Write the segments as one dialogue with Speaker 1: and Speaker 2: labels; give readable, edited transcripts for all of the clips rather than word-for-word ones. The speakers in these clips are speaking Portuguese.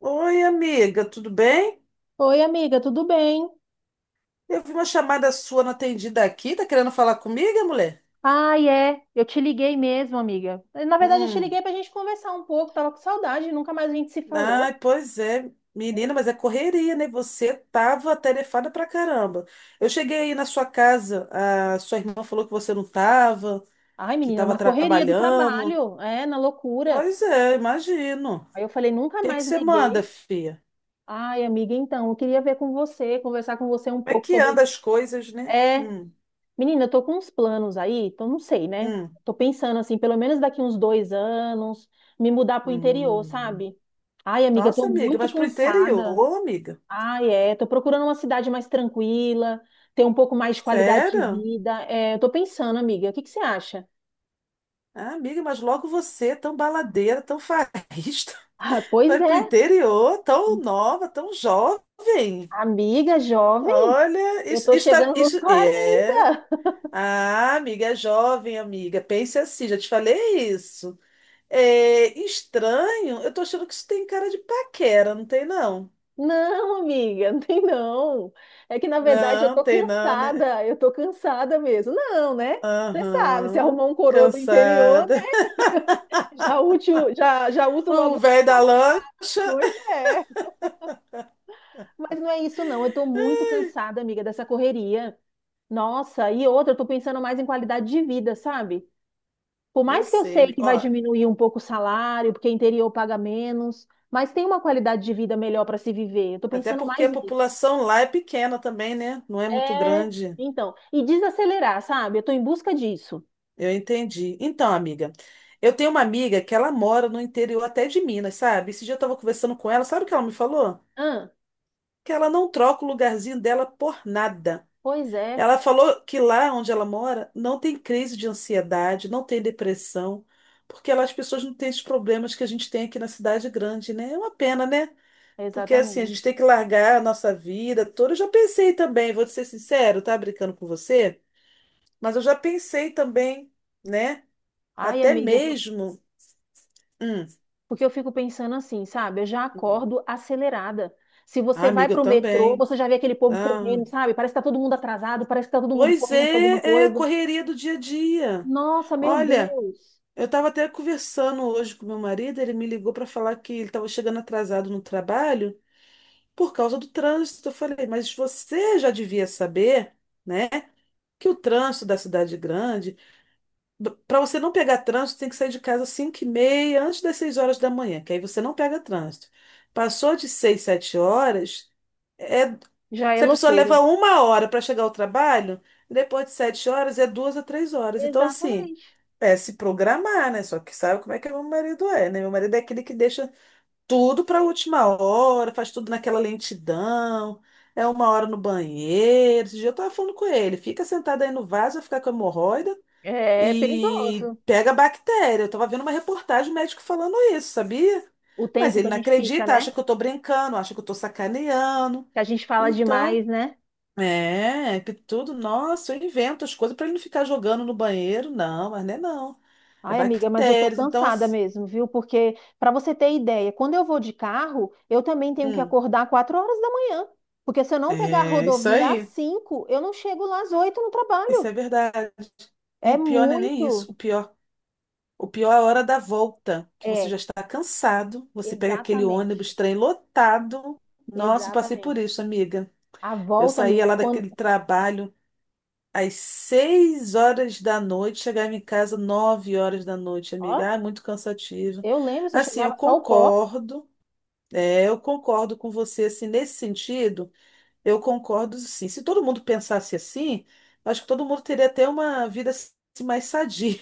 Speaker 1: Oi, amiga, tudo bem?
Speaker 2: Oi, amiga, tudo bem?
Speaker 1: Eu vi uma chamada sua não atendida aqui. Tá querendo falar comigo, mulher?
Speaker 2: Ai, é, eu te liguei mesmo, amiga. Na verdade, eu te
Speaker 1: Hum.
Speaker 2: liguei pra gente conversar um pouco, tava com saudade, nunca mais a gente se falou.
Speaker 1: Ai, pois é, menina, mas é correria, né? Você tava tarefada pra caramba. Eu cheguei aí na sua casa, a sua irmã falou que você não tava,
Speaker 2: Ai,
Speaker 1: que
Speaker 2: menina,
Speaker 1: tava
Speaker 2: na correria do
Speaker 1: trabalhando.
Speaker 2: trabalho, é, na loucura.
Speaker 1: Pois é, imagino. O
Speaker 2: Aí eu falei, nunca
Speaker 1: que é que
Speaker 2: mais
Speaker 1: você manda,
Speaker 2: liguei.
Speaker 1: filha?
Speaker 2: Ai, amiga, então, eu queria ver com você, conversar com você um
Speaker 1: Como é
Speaker 2: pouco
Speaker 1: que
Speaker 2: sobre.
Speaker 1: anda as coisas, né?
Speaker 2: É, menina, eu tô com uns planos aí, então não sei, né?
Speaker 1: Hum,
Speaker 2: Tô pensando assim, pelo menos daqui uns 2 anos, me mudar pro interior,
Speaker 1: hum.
Speaker 2: sabe? Ai, amiga, eu tô
Speaker 1: Nossa, amiga,
Speaker 2: muito
Speaker 1: mas pro
Speaker 2: cansada.
Speaker 1: interior, amiga?
Speaker 2: Ah, é. Tô procurando uma cidade mais tranquila, ter um pouco mais de qualidade de
Speaker 1: Sério?
Speaker 2: vida. É, eu tô pensando, amiga, o que que você acha?
Speaker 1: Ah, amiga, mas logo você, tão baladeira, tão farrista,
Speaker 2: Ah, pois
Speaker 1: vai pro
Speaker 2: é,
Speaker 1: interior, tão nova, tão jovem.
Speaker 2: amiga jovem,
Speaker 1: Olha,
Speaker 2: eu
Speaker 1: isso,
Speaker 2: tô
Speaker 1: isso tá,
Speaker 2: chegando nos
Speaker 1: isso é.
Speaker 2: 40.
Speaker 1: Ah, amiga, é jovem, amiga. Pense assim, já te falei isso. É estranho, eu tô achando que isso tem cara de paquera, não tem não?
Speaker 2: Não, amiga, não tem não. É que na verdade
Speaker 1: Não, tem não, né?
Speaker 2: eu tô cansada mesmo. Não, né? Você sabe, se
Speaker 1: Aham.
Speaker 2: arrumar um coroa do interior, né?
Speaker 1: Cansada.
Speaker 2: Já útil, já, já uso logo
Speaker 1: O velho
Speaker 2: o útil.
Speaker 1: da lã.
Speaker 2: Pois é, mas não é isso não. Eu tô muito cansada, amiga, dessa correria. Nossa, e outra, eu tô pensando mais em qualidade de vida, sabe? Por
Speaker 1: Eu
Speaker 2: mais que eu
Speaker 1: sei,
Speaker 2: sei
Speaker 1: amiga.
Speaker 2: que vai
Speaker 1: Ó,
Speaker 2: diminuir um pouco o salário, porque interior paga menos, mas tem uma qualidade de vida melhor para se viver. Eu tô
Speaker 1: até
Speaker 2: pensando
Speaker 1: porque a
Speaker 2: mais nisso.
Speaker 1: população lá é pequena também, né? Não é muito
Speaker 2: É,
Speaker 1: grande.
Speaker 2: então, e desacelerar, sabe? Eu tô em busca disso.
Speaker 1: Eu entendi. Então, amiga, eu tenho uma amiga que ela mora no interior até de Minas, sabe? Esse dia eu estava conversando com ela, sabe o que ela me falou?
Speaker 2: Ah,
Speaker 1: Que ela não troca o lugarzinho dela por nada.
Speaker 2: pois é,
Speaker 1: Ela falou que lá onde ela mora não tem crise de ansiedade, não tem depressão, porque lá as pessoas não têm os problemas que a gente tem aqui na cidade grande, né? É uma pena, né? Porque assim, a gente
Speaker 2: exatamente.
Speaker 1: tem que largar a nossa vida toda. Eu já pensei também, vou te ser sincero, tá brincando com você, mas eu já pensei também, né?
Speaker 2: Ai,
Speaker 1: Até
Speaker 2: amiga,
Speaker 1: mesmo. Hum.
Speaker 2: porque eu fico pensando assim, sabe? Eu já acordo acelerada. Se
Speaker 1: Ah,
Speaker 2: você vai
Speaker 1: amiga, eu
Speaker 2: pro metrô,
Speaker 1: também.
Speaker 2: você já vê aquele povo
Speaker 1: Ah.
Speaker 2: correndo, sabe? Parece que tá todo mundo atrasado, parece que tá todo mundo
Speaker 1: Pois
Speaker 2: correndo pra
Speaker 1: é,
Speaker 2: alguma
Speaker 1: é a
Speaker 2: coisa.
Speaker 1: correria do dia a dia.
Speaker 2: Nossa, meu
Speaker 1: Olha,
Speaker 2: Deus.
Speaker 1: eu estava até conversando hoje com meu marido, ele me ligou para falar que ele estava chegando atrasado no trabalho por causa do trânsito. Eu falei, mas você já devia saber, né, que o trânsito da cidade é grande. Para você não pegar trânsito, tem que sair de casa às 5h30, antes das 6 horas da manhã, que aí você não pega trânsito. Passou de 6 7 horas, é,
Speaker 2: Já é
Speaker 1: se a pessoa
Speaker 2: loucura.
Speaker 1: leva uma hora para chegar ao trabalho, depois de 7 horas é 2 a 3 horas. Então, assim,
Speaker 2: Exatamente.
Speaker 1: é se programar, né? Só que sabe como é que meu marido é, né? Meu marido é aquele que deixa tudo para a última hora, faz tudo naquela lentidão. É uma hora no banheiro. Esse dia eu tava falando com ele, fica sentado aí no vaso, vai ficar com hemorroida
Speaker 2: É
Speaker 1: e
Speaker 2: perigoso
Speaker 1: pega bactéria. Eu tava vendo uma reportagem médico falando isso, sabia?
Speaker 2: o
Speaker 1: Mas
Speaker 2: tempo que
Speaker 1: ele
Speaker 2: a
Speaker 1: não
Speaker 2: gente fica,
Speaker 1: acredita,
Speaker 2: né?
Speaker 1: acha que eu tô brincando, acha que eu tô sacaneando.
Speaker 2: Que a gente fala
Speaker 1: Então,
Speaker 2: demais, né?
Speaker 1: é, que tudo, nossa, eu invento as coisas pra ele não ficar jogando no banheiro, não, mas não é não. É
Speaker 2: Ai, amiga, mas eu tô
Speaker 1: bactérias, então
Speaker 2: cansada
Speaker 1: assim,
Speaker 2: mesmo, viu? Porque, pra você ter ideia, quando eu vou de carro, eu também tenho que
Speaker 1: hum,
Speaker 2: acordar 4 horas da manhã. Porque se eu não pegar a
Speaker 1: é isso
Speaker 2: rodovia às
Speaker 1: aí,
Speaker 2: 5, eu não chego lá às 8 no
Speaker 1: isso
Speaker 2: trabalho.
Speaker 1: é verdade. E
Speaker 2: É
Speaker 1: o pior não é nem isso,
Speaker 2: muito.
Speaker 1: o pior é a hora da volta, que você
Speaker 2: É,
Speaker 1: já está cansado, você pega aquele
Speaker 2: exatamente.
Speaker 1: ônibus, trem lotado. Nossa, eu passei por
Speaker 2: Exatamente.
Speaker 1: isso, amiga.
Speaker 2: A
Speaker 1: Eu
Speaker 2: volta,
Speaker 1: saía
Speaker 2: amiga,
Speaker 1: lá
Speaker 2: quando.
Speaker 1: daquele trabalho às 6 horas da noite, chegava em casa 9 horas da noite,
Speaker 2: Ó,
Speaker 1: amiga. Ah, muito cansativo.
Speaker 2: eu lembro, você
Speaker 1: Assim, eu
Speaker 2: chegava só o pó.
Speaker 1: concordo, é, eu concordo com você, assim, nesse sentido, eu concordo, sim. Se todo mundo pensasse assim, acho que todo mundo teria até uma vida assim, mais sadia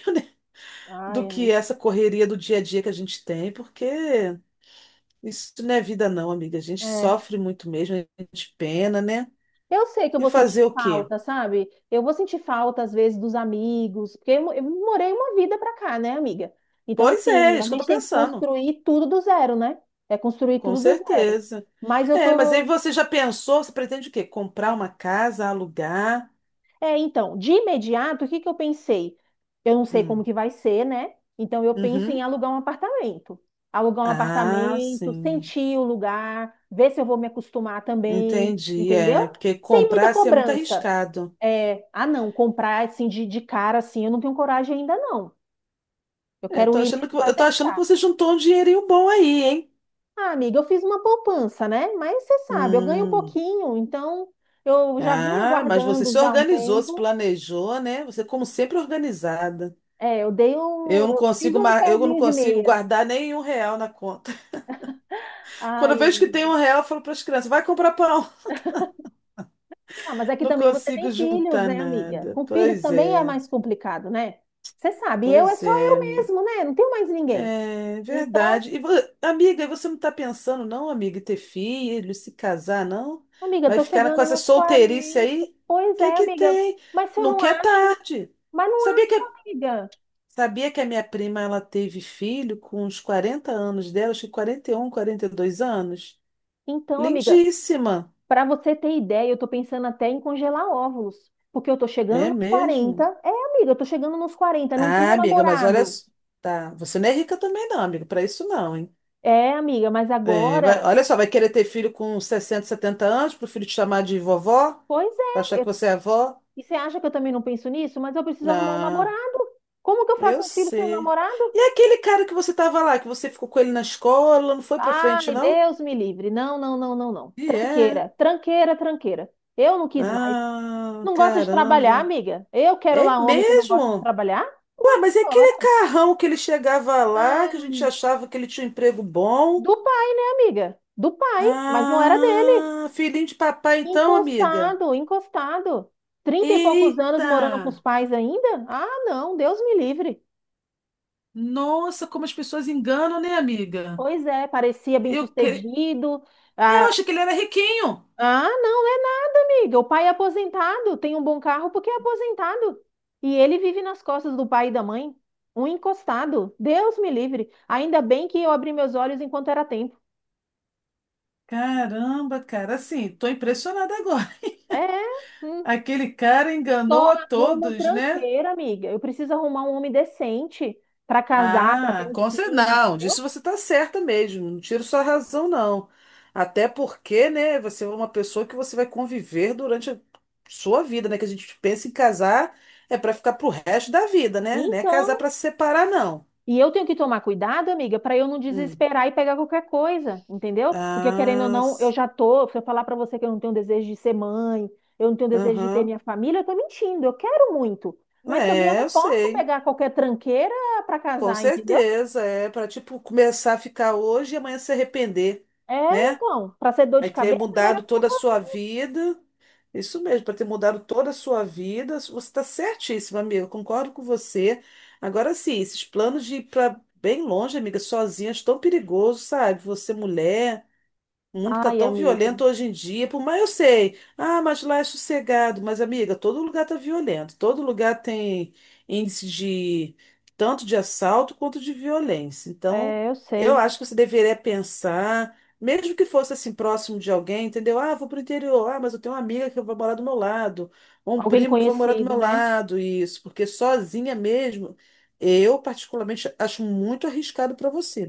Speaker 2: Ai,
Speaker 1: do que
Speaker 2: amiga.
Speaker 1: essa correria do dia a dia que a gente tem, porque isso não é vida, não, amiga. A gente
Speaker 2: É.
Speaker 1: sofre muito mesmo, a gente pena, né?
Speaker 2: Eu sei que eu
Speaker 1: E
Speaker 2: vou
Speaker 1: fazer
Speaker 2: sentir
Speaker 1: o quê?
Speaker 2: falta, sabe? Eu vou sentir falta, às vezes, dos amigos, porque eu morei uma vida pra cá, né, amiga? Então,
Speaker 1: Pois é,
Speaker 2: assim,
Speaker 1: é
Speaker 2: a
Speaker 1: isso que eu
Speaker 2: gente
Speaker 1: tô
Speaker 2: tem que
Speaker 1: pensando,
Speaker 2: construir tudo do zero, né? É construir
Speaker 1: com
Speaker 2: tudo do zero.
Speaker 1: certeza.
Speaker 2: Mas eu
Speaker 1: É, mas aí
Speaker 2: tô.
Speaker 1: você já pensou, você pretende o quê? Comprar uma casa, alugar?
Speaker 2: É, então, de imediato, o que que eu pensei? Eu não sei como
Speaker 1: Hum.
Speaker 2: que vai ser, né? Então, eu penso em
Speaker 1: Uhum.
Speaker 2: alugar um apartamento. Alugar um
Speaker 1: Ah,
Speaker 2: apartamento,
Speaker 1: sim.
Speaker 2: sentir o lugar, ver se eu vou me acostumar também,
Speaker 1: Entendi,
Speaker 2: entendeu?
Speaker 1: é, porque
Speaker 2: Sem muita
Speaker 1: comprar assim é muito
Speaker 2: cobrança.
Speaker 1: arriscado.
Speaker 2: É, ah, não, comprar assim de cara assim, eu não tenho coragem ainda não. Eu
Speaker 1: É, eu
Speaker 2: quero
Speaker 1: tô
Speaker 2: ir
Speaker 1: achando
Speaker 2: mesmo
Speaker 1: que,
Speaker 2: para
Speaker 1: eu tô achando que
Speaker 2: testar.
Speaker 1: você juntou um dinheirinho bom aí, hein?
Speaker 2: Ah, amiga, eu fiz uma poupança, né? Mas você sabe, eu ganho um
Speaker 1: Hum.
Speaker 2: pouquinho, então eu já vinha
Speaker 1: Ah, mas você
Speaker 2: guardando
Speaker 1: se
Speaker 2: já há um
Speaker 1: organizou, se
Speaker 2: tempo.
Speaker 1: planejou, né? Você, como sempre, organizada.
Speaker 2: É,
Speaker 1: Eu não
Speaker 2: eu fiz
Speaker 1: consigo,
Speaker 2: um
Speaker 1: ma- eu não
Speaker 2: pezinho de
Speaker 1: consigo
Speaker 2: meia.
Speaker 1: guardar nem um real na conta. Quando eu
Speaker 2: Ai,
Speaker 1: vejo que tem
Speaker 2: amiga.
Speaker 1: um real, eu falo para as crianças, vai comprar pão.
Speaker 2: Ah, mas aqui
Speaker 1: Não
Speaker 2: também você
Speaker 1: consigo
Speaker 2: tem filhos,
Speaker 1: juntar
Speaker 2: né, amiga?
Speaker 1: nada.
Speaker 2: Com filhos também é mais complicado, né? Você sabe, eu é
Speaker 1: Pois
Speaker 2: só
Speaker 1: é,
Speaker 2: eu
Speaker 1: amiga.
Speaker 2: mesmo, né? Não tenho mais ninguém.
Speaker 1: É
Speaker 2: Então
Speaker 1: verdade. Amiga, e você não está pensando, não, amiga, em ter filho, se casar, não?
Speaker 2: amiga,
Speaker 1: Vai
Speaker 2: tô
Speaker 1: ficar com
Speaker 2: chegando
Speaker 1: essa
Speaker 2: nos
Speaker 1: solteirice
Speaker 2: 40.
Speaker 1: aí? O
Speaker 2: Pois
Speaker 1: que
Speaker 2: é,
Speaker 1: que
Speaker 2: amiga.
Speaker 1: tem?
Speaker 2: Mas se eu não
Speaker 1: Nunca é
Speaker 2: acho,
Speaker 1: tarde.
Speaker 2: mas não
Speaker 1: Sabia
Speaker 2: acho,
Speaker 1: que
Speaker 2: amiga.
Speaker 1: Sabia que a minha prima ela teve filho com uns 40 anos dela, acho que 41, 42 anos?
Speaker 2: Então, amiga,
Speaker 1: Lindíssima,
Speaker 2: para você ter ideia, eu tô pensando até em congelar óvulos, porque eu tô chegando
Speaker 1: é
Speaker 2: nos 40.
Speaker 1: mesmo?
Speaker 2: É, amiga, eu tô chegando nos 40. Não
Speaker 1: Ah,
Speaker 2: tenho
Speaker 1: amiga, mas olha,
Speaker 2: namorado.
Speaker 1: tá, você não é rica também não, amiga, para isso não, hein?
Speaker 2: É, amiga, mas
Speaker 1: É,
Speaker 2: agora,
Speaker 1: olha só, vai querer ter filho com 60, 70 anos, pro filho te chamar de vovó?
Speaker 2: pois
Speaker 1: Pra achar
Speaker 2: é.
Speaker 1: que você é avó?
Speaker 2: E você acha que eu também não penso nisso? Mas eu preciso arrumar um
Speaker 1: Ah,
Speaker 2: namorado. Como que eu
Speaker 1: eu
Speaker 2: faço um filho sem um
Speaker 1: sei.
Speaker 2: namorado?
Speaker 1: E aquele cara que você tava lá, que você ficou com ele na escola, não foi pra frente,
Speaker 2: Ai,
Speaker 1: não?
Speaker 2: Deus me livre. Não, não, não, não, não.
Speaker 1: E é.
Speaker 2: Tranqueira, tranqueira, tranqueira. Eu não quis mais.
Speaker 1: Ah,
Speaker 2: Não gosta de trabalhar,
Speaker 1: caramba.
Speaker 2: amiga? Eu quero
Speaker 1: É
Speaker 2: lá homem que não gosta de
Speaker 1: mesmo?
Speaker 2: trabalhar?
Speaker 1: Ué, mas é aquele
Speaker 2: Ora.
Speaker 1: carrão que ele chegava lá, que a
Speaker 2: Ah,
Speaker 1: gente achava que ele tinha um emprego bom.
Speaker 2: do pai, né, amiga? Do pai, mas não era dele.
Speaker 1: Ah, filhinho de papai, então, amiga.
Speaker 2: Encostado, encostado. Trinta e poucos anos
Speaker 1: Eita!
Speaker 2: morando com os pais ainda? Ah, não, Deus me livre.
Speaker 1: Nossa, como as pessoas enganam, né, amiga?
Speaker 2: Pois é, parecia
Speaker 1: Eu, cre-
Speaker 2: bem-sucedido.
Speaker 1: É, eu
Speaker 2: Ah,
Speaker 1: achei que ele era riquinho.
Speaker 2: não, é, não, amiga. O pai é aposentado, tem um bom carro porque é aposentado. E ele vive nas costas do pai e da mãe. Um encostado. Deus me livre. Ainda bem que eu abri meus olhos enquanto era tempo.
Speaker 1: Caramba, cara, assim, tô impressionada agora.
Speaker 2: É, hum,
Speaker 1: Aquele cara enganou
Speaker 2: só
Speaker 1: a
Speaker 2: arruma
Speaker 1: todos, né?
Speaker 2: tranqueira, amiga. Eu preciso arrumar um homem decente para casar, para ter
Speaker 1: Ah,
Speaker 2: um
Speaker 1: com certeza.
Speaker 2: filho,
Speaker 1: Não,
Speaker 2: entendeu?
Speaker 1: disso você está certa mesmo. Não tiro sua razão, não. Até porque, né, você é uma pessoa que você vai conviver durante a sua vida, né? Que a gente pensa em casar é para ficar pro resto da vida, né? Não é
Speaker 2: Então,
Speaker 1: casar para se separar, não.
Speaker 2: e eu tenho que tomar cuidado, amiga, para eu não
Speaker 1: Hum.
Speaker 2: desesperar e pegar qualquer coisa, entendeu? Porque querendo ou
Speaker 1: Ah,
Speaker 2: não, eu já tô, se eu falar para você que eu não tenho desejo de ser mãe, eu não tenho desejo de ter
Speaker 1: aham.
Speaker 2: minha família, eu tô mentindo. Eu quero muito, mas também eu
Speaker 1: É,
Speaker 2: não
Speaker 1: eu
Speaker 2: posso
Speaker 1: sei.
Speaker 2: pegar qualquer tranqueira para
Speaker 1: Com
Speaker 2: casar, entendeu?
Speaker 1: certeza. É para, tipo, começar a ficar hoje e amanhã se arrepender,
Speaker 2: É,
Speaker 1: né?
Speaker 2: então, para ser dor
Speaker 1: Aí
Speaker 2: de
Speaker 1: ter
Speaker 2: cabeça, é melhor
Speaker 1: mudado
Speaker 2: que pra.
Speaker 1: toda a sua vida. Isso mesmo, para ter mudado toda a sua vida. Você está certíssima, amiga. Eu concordo com você. Agora sim, esses planos de ir para bem longe, amiga, sozinha, acho tão perigoso, sabe? Você mulher. O mundo tá
Speaker 2: Ai,
Speaker 1: tão
Speaker 2: amiga,
Speaker 1: violento hoje em dia, por mais eu sei. Ah, mas lá é sossegado. Mas, amiga, todo lugar tá violento. Todo lugar tem índice de tanto de assalto quanto de violência. Então,
Speaker 2: é, eu
Speaker 1: eu
Speaker 2: sei.
Speaker 1: acho que você deveria pensar, mesmo que fosse assim próximo de alguém, entendeu? Ah, vou pro interior. Ah, mas eu tenho uma amiga que vai morar do meu lado, ou um
Speaker 2: Alguém
Speaker 1: primo que vai morar do
Speaker 2: conhecido,
Speaker 1: meu
Speaker 2: né?
Speaker 1: lado, isso, porque sozinha mesmo, eu particularmente acho muito arriscado para você.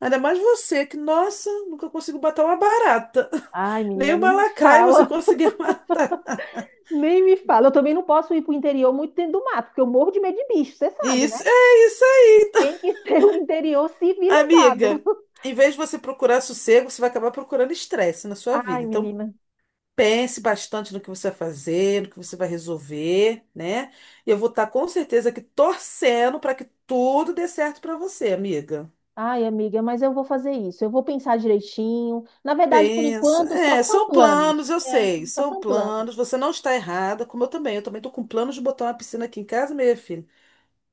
Speaker 1: Ainda mais você, que, nossa, nunca consigo matar uma barata.
Speaker 2: Ai,
Speaker 1: Nem
Speaker 2: menina, nem
Speaker 1: uma
Speaker 2: me
Speaker 1: lacraia você
Speaker 2: fala,
Speaker 1: conseguia matar.
Speaker 2: nem me fala. Eu também não posso ir para o interior muito dentro do mato, porque eu morro de medo de bicho, você sabe, né?
Speaker 1: Isso, é isso aí,
Speaker 2: Tem que ser um interior civilizado.
Speaker 1: amiga. Em vez de você procurar sossego, você vai acabar procurando estresse na sua
Speaker 2: Ai,
Speaker 1: vida. Então,
Speaker 2: menina.
Speaker 1: pense bastante no que você vai fazer, no que você vai resolver, né? E eu vou estar com certeza aqui torcendo para que tudo dê certo para você, amiga.
Speaker 2: Ai, amiga, mas eu vou fazer isso. Eu vou pensar direitinho. Na verdade, por
Speaker 1: Pensa.
Speaker 2: enquanto, só
Speaker 1: É,
Speaker 2: são
Speaker 1: são planos,
Speaker 2: planos.
Speaker 1: eu
Speaker 2: É,
Speaker 1: sei,
Speaker 2: só
Speaker 1: são
Speaker 2: são planos.
Speaker 1: planos. Você não está errada, como eu também. Eu também estou com planos de botar uma piscina aqui em casa, minha filha.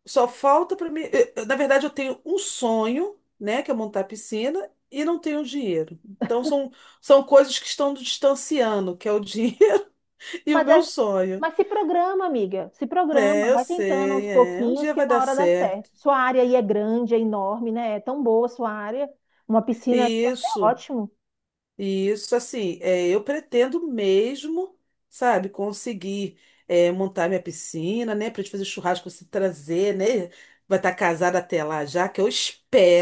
Speaker 1: Só falta para mim. Na verdade, eu tenho um sonho, né, que é montar a piscina, e não tenho dinheiro. Então, são coisas que estão nos distanciando, que é o dinheiro e o
Speaker 2: Mas,
Speaker 1: meu
Speaker 2: é-
Speaker 1: sonho.
Speaker 2: mas se programa, amiga. Se
Speaker 1: É,
Speaker 2: programa.
Speaker 1: eu
Speaker 2: Vai tentando aos
Speaker 1: sei, é. Um
Speaker 2: pouquinhos
Speaker 1: dia
Speaker 2: que
Speaker 1: vai
Speaker 2: uma
Speaker 1: dar
Speaker 2: hora dá certo.
Speaker 1: certo.
Speaker 2: Sua área aí é grande, é enorme, né? É tão boa a sua área. Uma piscina aí é até
Speaker 1: Isso.
Speaker 2: ótimo.
Speaker 1: E isso, assim, é, eu pretendo mesmo, sabe, conseguir é, montar minha piscina, né, pra gente fazer churrasco, se trazer, né, vai estar casada até lá já, que eu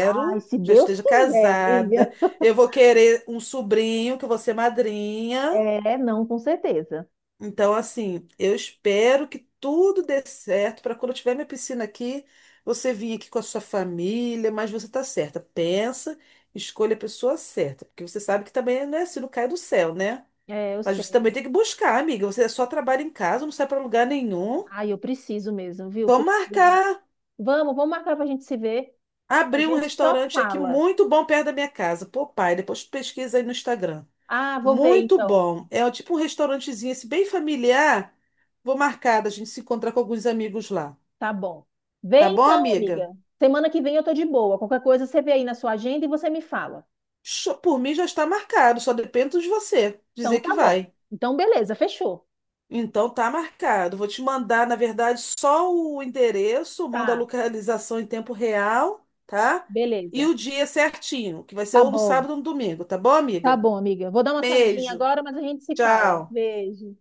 Speaker 2: Ai, se
Speaker 1: já
Speaker 2: Deus
Speaker 1: esteja
Speaker 2: quiser,
Speaker 1: casada.
Speaker 2: amiga.
Speaker 1: Eu vou querer um sobrinho, que eu vou ser madrinha.
Speaker 2: É, não, com certeza.
Speaker 1: Então, assim, eu espero que tudo dê certo para quando eu tiver minha piscina aqui, você vir aqui com a sua família, mas você tá certa. Pensa, escolha a pessoa certa, porque você sabe que também não é assim, não cai do céu, né?
Speaker 2: É, eu
Speaker 1: Mas você
Speaker 2: sei.
Speaker 1: também tem que buscar, amiga. Você só trabalha em casa, não sai para lugar nenhum.
Speaker 2: Ai, eu preciso mesmo, viu?
Speaker 1: Vamos
Speaker 2: Preciso.
Speaker 1: marcar,
Speaker 2: Vamos marcar pra gente se ver. A
Speaker 1: abrir um
Speaker 2: gente só
Speaker 1: restaurante aqui
Speaker 2: fala.
Speaker 1: muito bom perto da minha casa. Pô, pai, depois pesquisa aí no Instagram.
Speaker 2: Ah, vou ver
Speaker 1: Muito
Speaker 2: então.
Speaker 1: bom. É tipo um restaurantezinho esse bem familiar. Vou marcar, a gente se encontra com alguns amigos lá.
Speaker 2: Tá bom. Vê
Speaker 1: Tá bom,
Speaker 2: então,
Speaker 1: amiga?
Speaker 2: amiga. Semana que vem eu tô de boa. Qualquer coisa você vê aí na sua agenda e você me fala.
Speaker 1: Por mim já está marcado, só depende de você
Speaker 2: Então
Speaker 1: dizer
Speaker 2: tá
Speaker 1: que
Speaker 2: bom.
Speaker 1: vai.
Speaker 2: Então beleza, fechou.
Speaker 1: Então tá marcado. Vou te mandar, na verdade, só o endereço, mando a
Speaker 2: Tá,
Speaker 1: localização em tempo real, tá? E
Speaker 2: beleza.
Speaker 1: o dia certinho, que vai ser
Speaker 2: Tá
Speaker 1: ou no
Speaker 2: bom.
Speaker 1: sábado ou no domingo, tá bom,
Speaker 2: Tá
Speaker 1: amiga?
Speaker 2: bom, amiga. Vou dar uma saidinha
Speaker 1: Beijo.
Speaker 2: agora, mas a gente se fala.
Speaker 1: Tchau.
Speaker 2: Beijo.